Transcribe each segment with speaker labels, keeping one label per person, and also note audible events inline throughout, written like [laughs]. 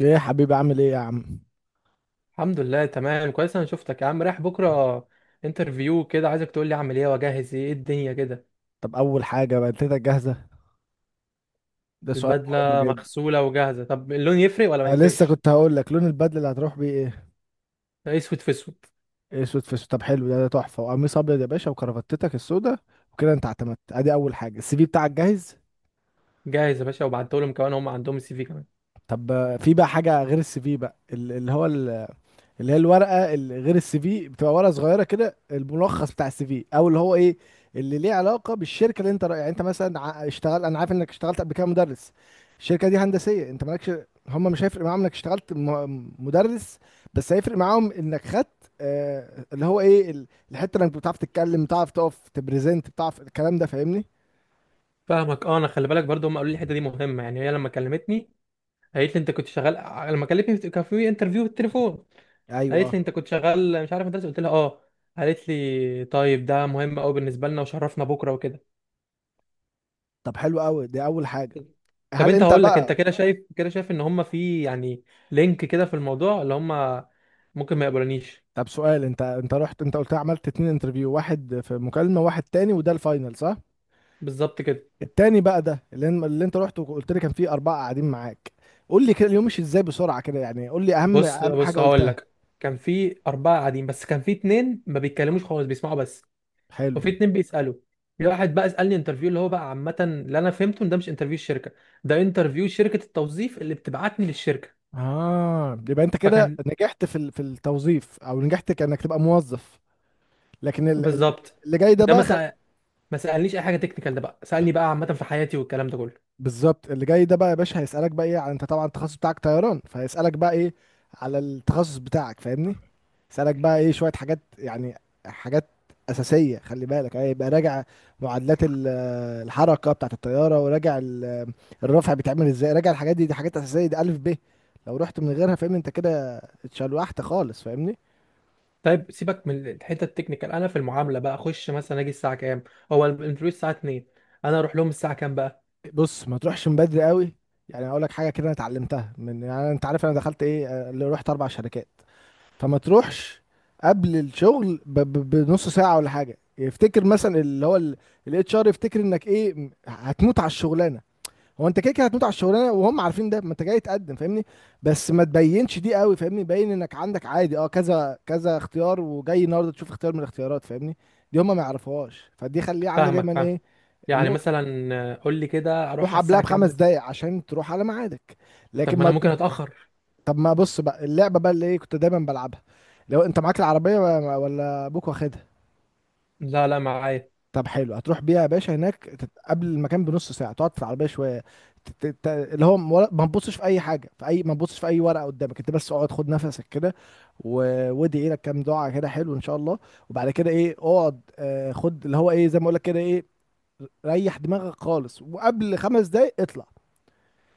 Speaker 1: ايه يا حبيبي عامل ايه يا عم؟
Speaker 2: الحمد لله، تمام، كويس. انا شفتك يا عم رايح بكره انترفيو كده، عايزك تقول لي اعمل ايه واجهز ايه. إيه الدنيا كده؟
Speaker 1: طب اول حاجه، بنتك جاهزه؟ ده سؤال مهم
Speaker 2: البدله
Speaker 1: جدا.
Speaker 2: مغسوله وجاهزه. طب اللون يفرق ولا ما
Speaker 1: أه، لسه
Speaker 2: يفرقش؟
Speaker 1: كنت هقول لك، لون البدله اللي هتروح بيه ايه؟
Speaker 2: اسود في اسود.
Speaker 1: إيه، اسود في اسود؟ طب حلو ده تحفه، وقميص ابيض يا باشا وكرافتتك السودا، وكده انت اعتمدت. ادي اول حاجه، السي في بتاعك جاهز.
Speaker 2: جاهز يا باشا، وبعته لهم كمان، هم عندهم السي في كمان.
Speaker 1: طب في بقى حاجه غير السي في بقى اللي هي الورقه، اللي غير السي في بتبقى ورقه صغيره كده، الملخص بتاع السي في، او اللي هو ايه اللي ليه علاقه بالشركه اللي يعني انت مثلا اشتغل، انا عارف انك اشتغلت قبل كده مدرس. الشركه دي هندسيه، انت مالكش. هم مش هيفرق معاهم انك اشتغلت مدرس، بس هيفرق معاهم انك خدت آه اللي هو ايه الحته، انك بتعرف تتكلم، بتعرف تقف تبريزنت، بتعرف الكلام ده. فاهمني؟
Speaker 2: فاهمك. اه، انا خلي بالك برضو هم قالوا لي الحته دي مهمه. يعني هي لما كلمتني قالت لي انت كنت شغال. لما كلمتني كان في انترفيو بالتليفون. قالت
Speaker 1: ايوه.
Speaker 2: لي انت كنت شغال، مش عارف، مدرسه. قلت لها اه. قالت لي طيب ده مهم قوي بالنسبه لنا، وشرفنا بكره وكده.
Speaker 1: طب حلو قوي، دي اول حاجه.
Speaker 2: طب
Speaker 1: هل
Speaker 2: انت،
Speaker 1: انت
Speaker 2: هقول لك، انت
Speaker 1: بقى؟
Speaker 2: كده شايف ان هم في يعني لينك كده في الموضوع اللي هم ممكن ما يقبلونيش.
Speaker 1: طب سؤال، انت رحت، انت قلت عملت اتنين انترفيو، واحد في مكالمة، واحد تاني وده الفاينل، صح؟
Speaker 2: بالظبط كده.
Speaker 1: التاني بقى ده اللي انت رحت وقلت لي كان فيه أربعة قاعدين معاك. قول لي كده، اليوم مشي ازاي بسرعة كده، يعني قول لي أهم
Speaker 2: بص
Speaker 1: أهم حاجة
Speaker 2: بص هقول
Speaker 1: قلتها.
Speaker 2: لك. كان في اربعه قاعدين، بس كان في اتنين ما بيتكلموش خالص، بيسمعوا بس.
Speaker 1: حلو.
Speaker 2: وفي اتنين بيسالوا. في واحد بقى سالني انترفيو اللي هو بقى عامه، اللي انا فهمته ان ده مش انترفيو الشركه، ده انترفيو شركه التوظيف اللي بتبعتني للشركه.
Speaker 1: اه، يبقى انت كده
Speaker 2: فكان،
Speaker 1: نجحت في في التوظيف، او نجحت كأنك تبقى موظف، لكن
Speaker 2: بالظبط.
Speaker 1: اللي جاي ده
Speaker 2: ده ما
Speaker 1: بقى.
Speaker 2: سأل، ما سالنيش اي حاجه تكنيكال، ده بقى سالني بقى عامه في حياتي والكلام ده كله.
Speaker 1: بالظبط، اللي جاي ده بقى يا باشا هيسألك بقى ايه على، انت طبعا التخصص بتاعك طيران، فهيسألك بقى ايه على التخصص بتاعك، فاهمني؟ يسألك بقى ايه شوية حاجات يعني، حاجات أساسية. خلي بالك يعني، يبقى راجع معادلات الحركة بتاعة الطيارة، وراجع الرفع بيتعمل ازاي، راجع الحاجات دي، دي حاجات أساسية، دي ألف ب. لو رحت من غيرها فاهمني انت كده اتشلوحت خالص، فاهمني؟
Speaker 2: طيب سيبك من الحته التكنيكال. انا في المعامله بقى اخش مثلا، اجي الساعه كام؟ هو الانترفيو الساعه 2، انا اروح لهم الساعه كام بقى؟
Speaker 1: بص، ما تروحش من بدري قوي. يعني اقول لك حاجه كده، انا اتعلمتها من، يعني انت عارف انا دخلت ايه، اللي رحت 4 شركات، فما تروحش قبل الشغل بنص ساعة ولا حاجة، يفتكر مثلا اللي هو الاتش ار، يفتكر انك ايه هتموت على الشغلانه. هو انت كده كده هتموت على الشغلانه، وهم عارفين ده، ما انت جاي تقدم، فاهمني؟ بس ما تبينش دي قوي، فاهمني؟ بين انك عندك عادي اه كذا كذا اختيار، وجاي النهارده تشوف اختيار من الاختيارات، فاهمني؟ دي هم ما يعرفوهاش، فدي خليها عندك
Speaker 2: فاهمك،
Speaker 1: دايما
Speaker 2: فاهم.
Speaker 1: ايه،
Speaker 2: يعني
Speaker 1: نقطه.
Speaker 2: مثلا، قول لي كده اروح
Speaker 1: روح
Speaker 2: على
Speaker 1: قبلها
Speaker 2: الساعه كام
Speaker 1: بخمس
Speaker 2: بس.
Speaker 1: دقايق عشان تروح على ميعادك،
Speaker 2: طب
Speaker 1: لكن
Speaker 2: ما انا
Speaker 1: ما.
Speaker 2: ممكن اتاخر.
Speaker 1: طب ما بص بقى، اللعبه بقى اللي ايه كنت دايما بلعبها، لو انت معاك العربيه، ولا ابوك واخدها.
Speaker 2: لا، لا، معايا.
Speaker 1: طب حلو، هتروح بيها يا باشا هناك قبل المكان بنص ساعه، تقعد في العربيه شويه، اللي هو ما تبصش في اي حاجه، في اي ما تبصش في اي ورقه قدامك، انت بس اقعد خد نفسك كده، وادعي لك كام دعاء كده حلو ان شاء الله، وبعد كده ايه، اقعد خد اللي هو ايه، زي ما اقول لك كده ايه، ريح دماغك خالص، وقبل خمس دقايق اطلع.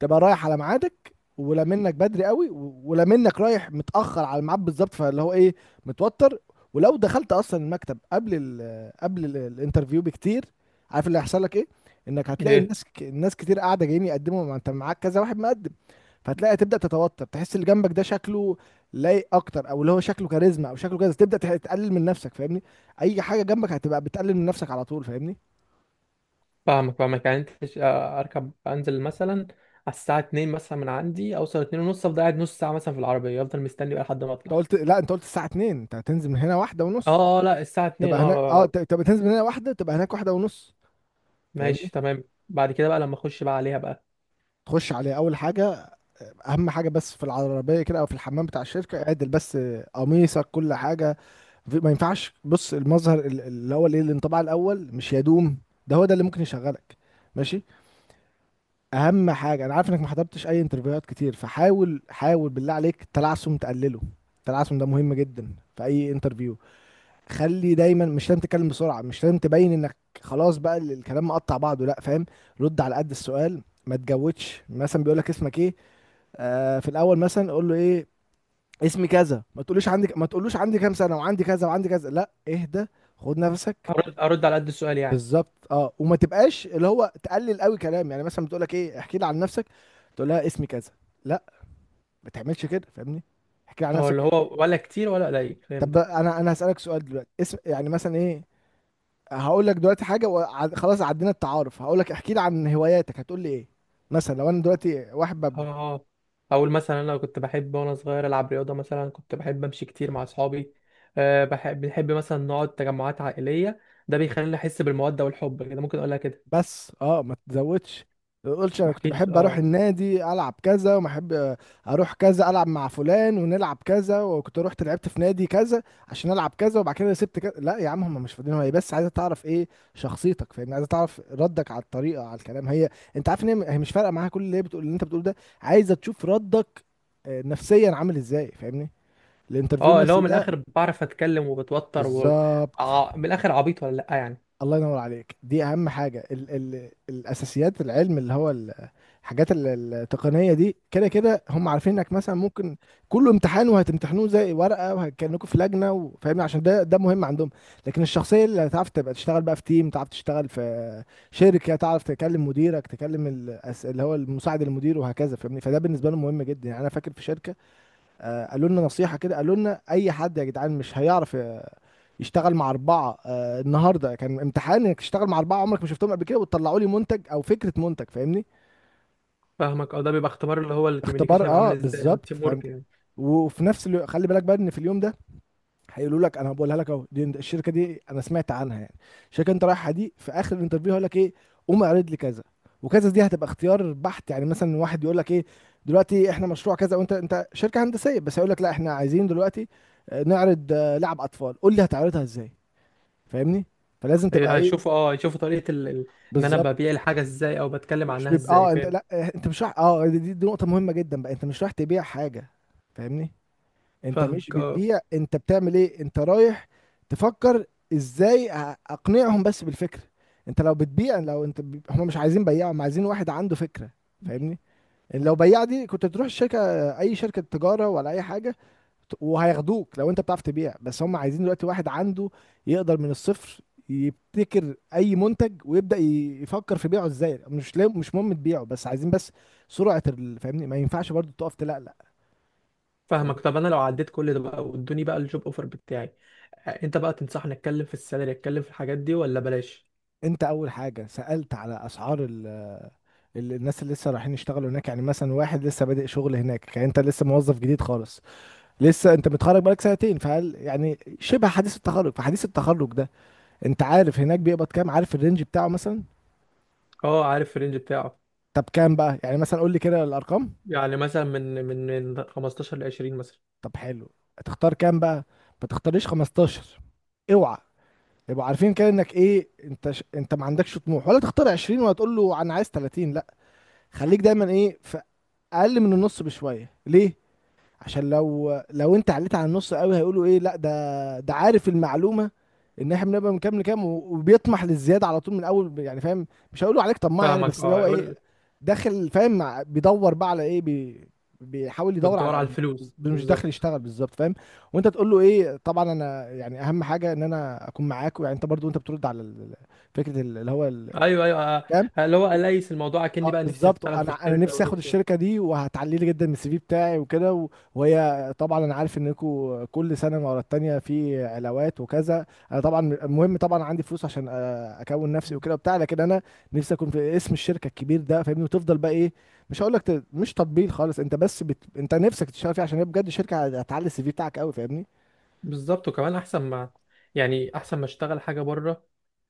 Speaker 1: تبقى رايح على ميعادك، ولا منك بدري قوي، ولا منك رايح متأخر على الميعاد بالظبط، فاللي هو ايه، متوتر. ولو دخلت اصلا المكتب قبل ال الانترفيو بكتير، عارف اللي هيحصل لك ايه؟ انك هتلاقي
Speaker 2: ايه.
Speaker 1: الناس الناس كتير قاعده، جايين يقدموا، ما انت معاك كذا واحد مقدم، فهتلاقي تبدأ تتوتر، تحس اللي جنبك ده شكله لايق اكتر، او اللي هو شكله كاريزما، او شكله كذا، تبدأ تقلل من نفسك، فاهمني؟ اي حاجه جنبك هتبقى بتقلل من نفسك على طول، فاهمني؟
Speaker 2: فاهمك، فاهمك. يعني انت اركب انزل مثلا على الساعه 2. مثلا من عندي اوصل 2 ونص، افضل قاعد نص ساعه مثلا في العربيه، افضل مستني بقى لحد ما
Speaker 1: انت
Speaker 2: اطلع.
Speaker 1: قلت لا، انت قلت الساعه 2 انت هتنزل من هنا واحدة ونص،
Speaker 2: اه، اه، لا، الساعه 2.
Speaker 1: تبقى
Speaker 2: اه،
Speaker 1: هناك. اه تبقى تنزل من هنا واحده، تبقى هناك واحده ونص. فاهمني؟
Speaker 2: ماشي، تمام. بعد كده بقى لما اخش بقى عليها بقى.
Speaker 1: تخش على اول حاجه، اهم حاجه، بس في العربيه كده او في الحمام بتاع الشركه اعدل بس قميصك، كل حاجه. ما ينفعش، بص، المظهر اللي هو الايه، الانطباع الاول مش يدوم، ده هو ده اللي ممكن يشغلك، ماشي؟ اهم حاجه، انا عارف انك ما حضرتش اي انترفيوهات كتير، فحاول بالله عليك التلعثم تقلله، التلعثم ده مهم جدا في اي انترفيو. خلي دايما، مش لازم تتكلم بسرعه، مش لازم تبين انك خلاص بقى الكلام مقطع بعضه، لا فاهم. رد على قد السؤال، ما تجودش. مثلا بيقول لك اسمك ايه، آه في الاول مثلا قول له ايه، اسمي كذا، ما تقولوش عندي، ما تقولوش عندي كام سنه وعندي كذا وعندي كذا، لا، اهدى، خد نفسك.
Speaker 2: ارد على قد السؤال يعني.
Speaker 1: بالظبط، اه. وما تبقاش اللي هو تقلل قوي كلام، يعني مثلا بتقول لك ايه، احكي لي عن نفسك، تقول لها اسمي كذا، لا، ما تعملش كده، فاهمني؟ احكي لي عن
Speaker 2: هو اللي
Speaker 1: نفسك.
Speaker 2: هو، ولا كتير ولا قليل؟
Speaker 1: طب
Speaker 2: فهمتك.
Speaker 1: انا هسالك سؤال دلوقتي، اسم يعني مثلا ايه، هقول لك دلوقتي حاجه، خلاص عدينا التعارف، هقول لك احكي لي عن هواياتك، هتقول لي ايه؟ مثلا لو انا دلوقتي واحد
Speaker 2: اه، اه. اقول مثلا انا كنت بحب وانا صغير العب رياضه، مثلا كنت بحب امشي كتير مع اصحابي. بنحب مثلا نقعد تجمعات عائليه، ده بيخليني احس بالموده والحب كده. ممكن اقولها كده؟
Speaker 1: بس اه ما تزودش، ما تقولش
Speaker 2: ما
Speaker 1: انا كنت
Speaker 2: احكيش.
Speaker 1: بحب اروح
Speaker 2: اه،
Speaker 1: النادي، العب كذا، وما احب اروح كذا، العب مع فلان، ونلعب كذا، وكنت رحت لعبت في نادي كذا عشان العب كذا، وبعد كده سبت كذا، لا يا عم هم مش فاضيين، هي بس عايزه تعرف ايه، شخصيتك، فاهمني؟ عايزه تعرف ردك على الطريقه، على الكلام، هي انت عارف ان هي مش فارقه معاها كل اللي هي بتقول، اللي انت بتقوله ده، عايزه تشوف ردك نفسيا عامل ازاي، فاهمني؟ الانترفيو
Speaker 2: اه، اللي هو
Speaker 1: النفسي
Speaker 2: من
Speaker 1: ده.
Speaker 2: الاخر بعرف اتكلم وبتوتر و
Speaker 1: بالظبط.
Speaker 2: من الاخر، عبيط ولا لا يعني؟
Speaker 1: الله ينور عليك، دي اهم حاجه. ال الاساسيات، العلم اللي هو الحاجات التقنيه دي، كده كده هم عارفين انك مثلا ممكن، كله امتحان وهتمتحنوه زي ورقه، وهتكلمكم في لجنه، وفاهمني عشان ده ده مهم عندهم، لكن الشخصيه اللي هتعرف تبقى تشتغل بقى في تيم، تعرف تشتغل في شركه، تعرف تكلم مديرك، تكلم اللي هو المساعد المدير، وهكذا، فاهمني؟ فده بالنسبه لهم مهم جدا. يعني انا فاكر في شركه، قالوا لنا نصيحه كده، قالوا لنا اي حد يا جدعان مش هيعرف يشتغل مع 4، آه النهارده كان امتحان انك تشتغل مع 4 عمرك ما شفتهم قبل كده، وتطلعوا لي منتج او فكره منتج، فاهمني؟
Speaker 2: فاهمك. اه، ده بيبقى اختبار اللي هو الكوميونيكيشن
Speaker 1: اختبار،
Speaker 2: هيبقى
Speaker 1: اه
Speaker 2: عامل ازاي، او
Speaker 1: بالظبط.
Speaker 2: التيم ورك
Speaker 1: فانت
Speaker 2: يعني.
Speaker 1: وفي نفس الوقت خلي بالك بقى ان في اليوم ده هيقولوا لك، انا بقولها لك اهو، دي الشركه، دي انا سمعت عنها يعني، الشركه انت رايحها دي، في اخر الانترفيو هيقول لك ايه، قوم اعرض لي كذا وكذا، دي هتبقى اختيار بحت، يعني مثلا واحد يقول لك ايه، دلوقتي احنا مشروع كذا، وانت شركه هندسيه بس، هيقول لك لا، احنا عايزين دلوقتي نعرض لعب اطفال، قول لي هتعرضها ازاي، فاهمني؟ فلازم تبقى
Speaker 2: إيه،
Speaker 1: ايه.
Speaker 2: هيشوفوا. اه، طريقه ان انا
Speaker 1: بالظبط.
Speaker 2: ببيع الحاجه ازاي او بتكلم
Speaker 1: مش
Speaker 2: عنها
Speaker 1: بيبقى
Speaker 2: ازاي،
Speaker 1: اه انت
Speaker 2: فاهم؟
Speaker 1: لا، اه، انت مش رايح اه دي نقطة مهمة جدا بقى، انت مش رايح تبيع حاجة، فاهمني؟ انت مش
Speaker 2: فاهمك، اه.
Speaker 1: بتبيع، انت بتعمل ايه، انت رايح تفكر ازاي اقنعهم بس بالفكرة. انت لو بتبيع، لو انت ب... هم مش عايزين بياع، هم عايزين واحد عنده فكرة، فاهمني؟ لو بياع دي كنت تروح الشركة، اي شركة تجارة ولا اي حاجة، وهياخدوك لو انت بتعرف تبيع. بس هم عايزين دلوقتي واحد عنده، يقدر من الصفر يبتكر اي منتج، ويبدأ يفكر في بيعه ازاي، مش مش مهم تبيعه، بس عايزين بس سرعة فاهمني؟ ما ينفعش برضو تقف تلقلق،
Speaker 2: فاهمك.
Speaker 1: فاهمني؟
Speaker 2: طب انا لو عديت كل ده بقى، وادوني بقى الجوب اوفر بتاعي، انت بقى تنصحني اتكلم في السالري، اتكلم في الحاجات دي ولا بلاش؟
Speaker 1: انت اول حاجة سألت على اسعار الناس اللي لسه رايحين يشتغلوا هناك، يعني مثلا واحد لسه بادئ شغل هناك، يعني انت لسه موظف جديد خالص، لسه انت متخرج بقالك سنتين، فهل يعني شبه حديث التخرج، فحديث التخرج ده انت عارف هناك بيقبض كام، عارف الرينج بتاعه مثلا.
Speaker 2: اه، عارف الرينج بتاعه.
Speaker 1: طب كام بقى، يعني مثلا قول لي كده الارقام.
Speaker 2: يعني مثلا من 15 ل 20 مثلا.
Speaker 1: طب حلو، هتختار كام بقى؟ ما تختاريش 15، اوعى، يبقوا عارفين كده انك ايه، انت ش... انت ما عندكش طموح، ولا تختار 20، ولا تقول له انا عايز 30، لا، خليك دايما ايه، في اقل من النص بشويه. ليه؟ عشان لو انت عليت على النص قوي، هيقولوا ايه، لا ده ده عارف المعلومه ان احنا بنبقى من كام لكام، وبيطمح للزياده على طول من اول، يعني فاهم؟ مش هيقولوا عليك طماع يعني،
Speaker 2: فاهمك،
Speaker 1: بس اللي
Speaker 2: اه،
Speaker 1: هو ايه،
Speaker 2: يقول.
Speaker 1: داخل فاهم، بيدور بقى على ايه، بي، بيحاول يدور
Speaker 2: بتدور
Speaker 1: على،
Speaker 2: على الفلوس
Speaker 1: مش داخل
Speaker 2: بالظبط.
Speaker 1: يشتغل، بالظبط، فاهم؟ وانت تقول له ايه، طبعا انا يعني اهم حاجه ان انا اكون معاك، يعني انت برضو انت بترد على فكره اللي هو
Speaker 2: ايوه، ايوه،
Speaker 1: الكام.
Speaker 2: اللي هو، اليس الموضوع، اكني
Speaker 1: اه
Speaker 2: بقى نفسي
Speaker 1: بالظبط،
Speaker 2: اشتغل في
Speaker 1: انا
Speaker 2: الشركه،
Speaker 1: نفسي اخد
Speaker 2: ونفسي،
Speaker 1: الشركه
Speaker 2: ونفسي.
Speaker 1: دي، وهتعلي لي جدا من السي في بتاعي، وكده وهي طبعا، انا عارف انكم كل سنه ورا التانيه في علاوات وكذا، انا طبعا المهم طبعا عندي فلوس عشان اكون نفسي وكده وبتاع، لكن انا نفسي اكون في اسم الشركه الكبير ده، فاهمني؟ وتفضل بقى ايه، مش هقول لك مش تطبيل خالص، انت بس بت... انت نفسك تشتغل فيها عشان هي بجد شركه هتعلي السي في بتاعك قوي، فاهمني؟
Speaker 2: بالظبط. وكمان احسن ما، يعني احسن ما اشتغل حاجه بره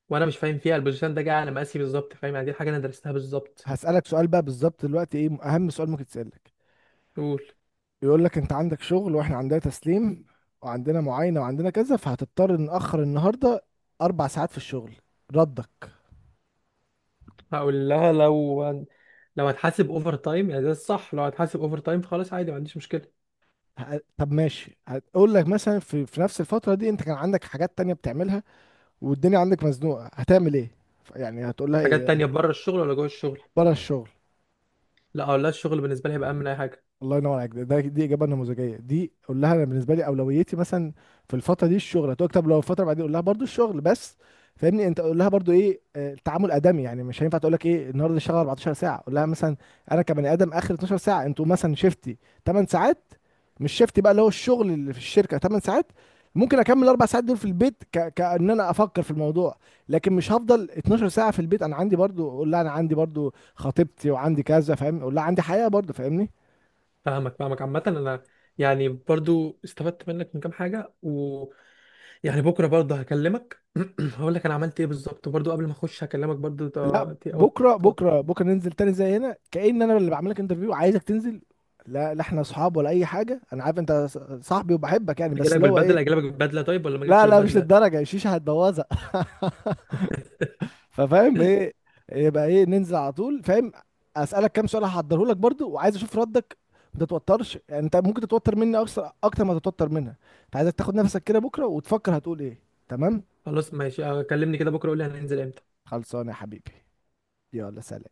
Speaker 2: وانا مش فاهم فيها، البوزيشن ده جاي على مقاسي بالظبط، فاهم يعني؟ دي حاجه انا درستها بالظبط.
Speaker 1: هسالك سؤال بقى بالظبط دلوقتي، ايه اهم سؤال ممكن تسالك،
Speaker 2: قول.
Speaker 1: يقول لك انت عندك شغل، واحنا عندنا تسليم، وعندنا معاينة، وعندنا كذا، فهتضطر نأخر النهاردة 4 ساعات في الشغل، ردك؟
Speaker 2: هقول لها لو هتحاسب اوفر تايم يعني، ده الصح. لو هتحاسب اوفر تايم فخلاص، عادي، ما عنديش مشكله.
Speaker 1: ه- طب ماشي، هقول لك مثلا في نفس الفترة دي انت كان عندك حاجات تانية بتعملها، والدنيا عندك مزنوقة، هتعمل ايه؟ يعني هتقول لها
Speaker 2: حاجات
Speaker 1: ايه؟
Speaker 2: تانية بره الشغل ولا جوه الشغل؟
Speaker 1: بره الشغل.
Speaker 2: لا، اقول لها الشغل بالنسبه لي هيبقى اهم من اي حاجه.
Speaker 1: الله ينور عليك، ده دي اجابه نموذجيه، دي قول لها انا بالنسبه لي اولويتي مثلا في الفتره دي الشغل، هتقول لك طب لو الفتره بعدين، قول لها برضو الشغل، بس فاهمني، انت قول لها برضو ايه، التعامل ادمي، يعني مش هينفع تقول لك ايه النهارده اشتغل 14 ساعه، قول لها مثلا انا كبني ادم اخر 12 ساعه انتوا مثلا شفتي 8 ساعات، مش شفتي بقى اللي هو الشغل اللي في الشركه 8 ساعات، ممكن اكمل الاربع ساعات دول في البيت، ك... كان انا افكر في الموضوع، لكن مش هفضل 12 ساعه في البيت، انا عندي برضو، قول لها انا عندي برضو خطيبتي وعندي كذا، فاهم؟ قول لها عندي حياه برضو، فاهمني؟
Speaker 2: فاهمك، فاهمك. عامه انا، يعني برضو استفدت منك من كام حاجه، و، يعني بكره برضه هكلمك. [clears throat] هقول لك انا عملت ايه بالظبط برضه، قبل ما اخش هكلمك برضه.
Speaker 1: لا،
Speaker 2: ت- ت- أو-
Speaker 1: بكره
Speaker 2: أو-
Speaker 1: بكره بكره ننزل تاني زي هنا، كأن انا اللي بعمل لك انترفيو، عايزك تنزل. لا احنا اصحاب ولا اي حاجه، انا عارف انت صاحبي وبحبك يعني، بس اللي هو ايه.
Speaker 2: اجي لك بالبدله طيب، ولا ما
Speaker 1: لا
Speaker 2: اجيلكش
Speaker 1: لا مش
Speaker 2: بالبدله؟
Speaker 1: للدرجه، الشيشه هتبوظها. [laughs] ففاهم
Speaker 2: [laughs]
Speaker 1: ايه؟ يبقى ايه، ننزل على طول، فاهم؟ اسالك كام سؤال هحضره لك برضو، وعايز اشوف ردك، ما تتوترش. يعني انت ممكن تتوتر مني اكتر ما تتوتر منها، فعايزك تاخد نفسك كده بكره وتفكر هتقول ايه. تمام؟
Speaker 2: خلاص، ماشي. كلمني كده بكره قول لي هننزل امتى.
Speaker 1: خلصانه يا حبيبي، يلا سلام.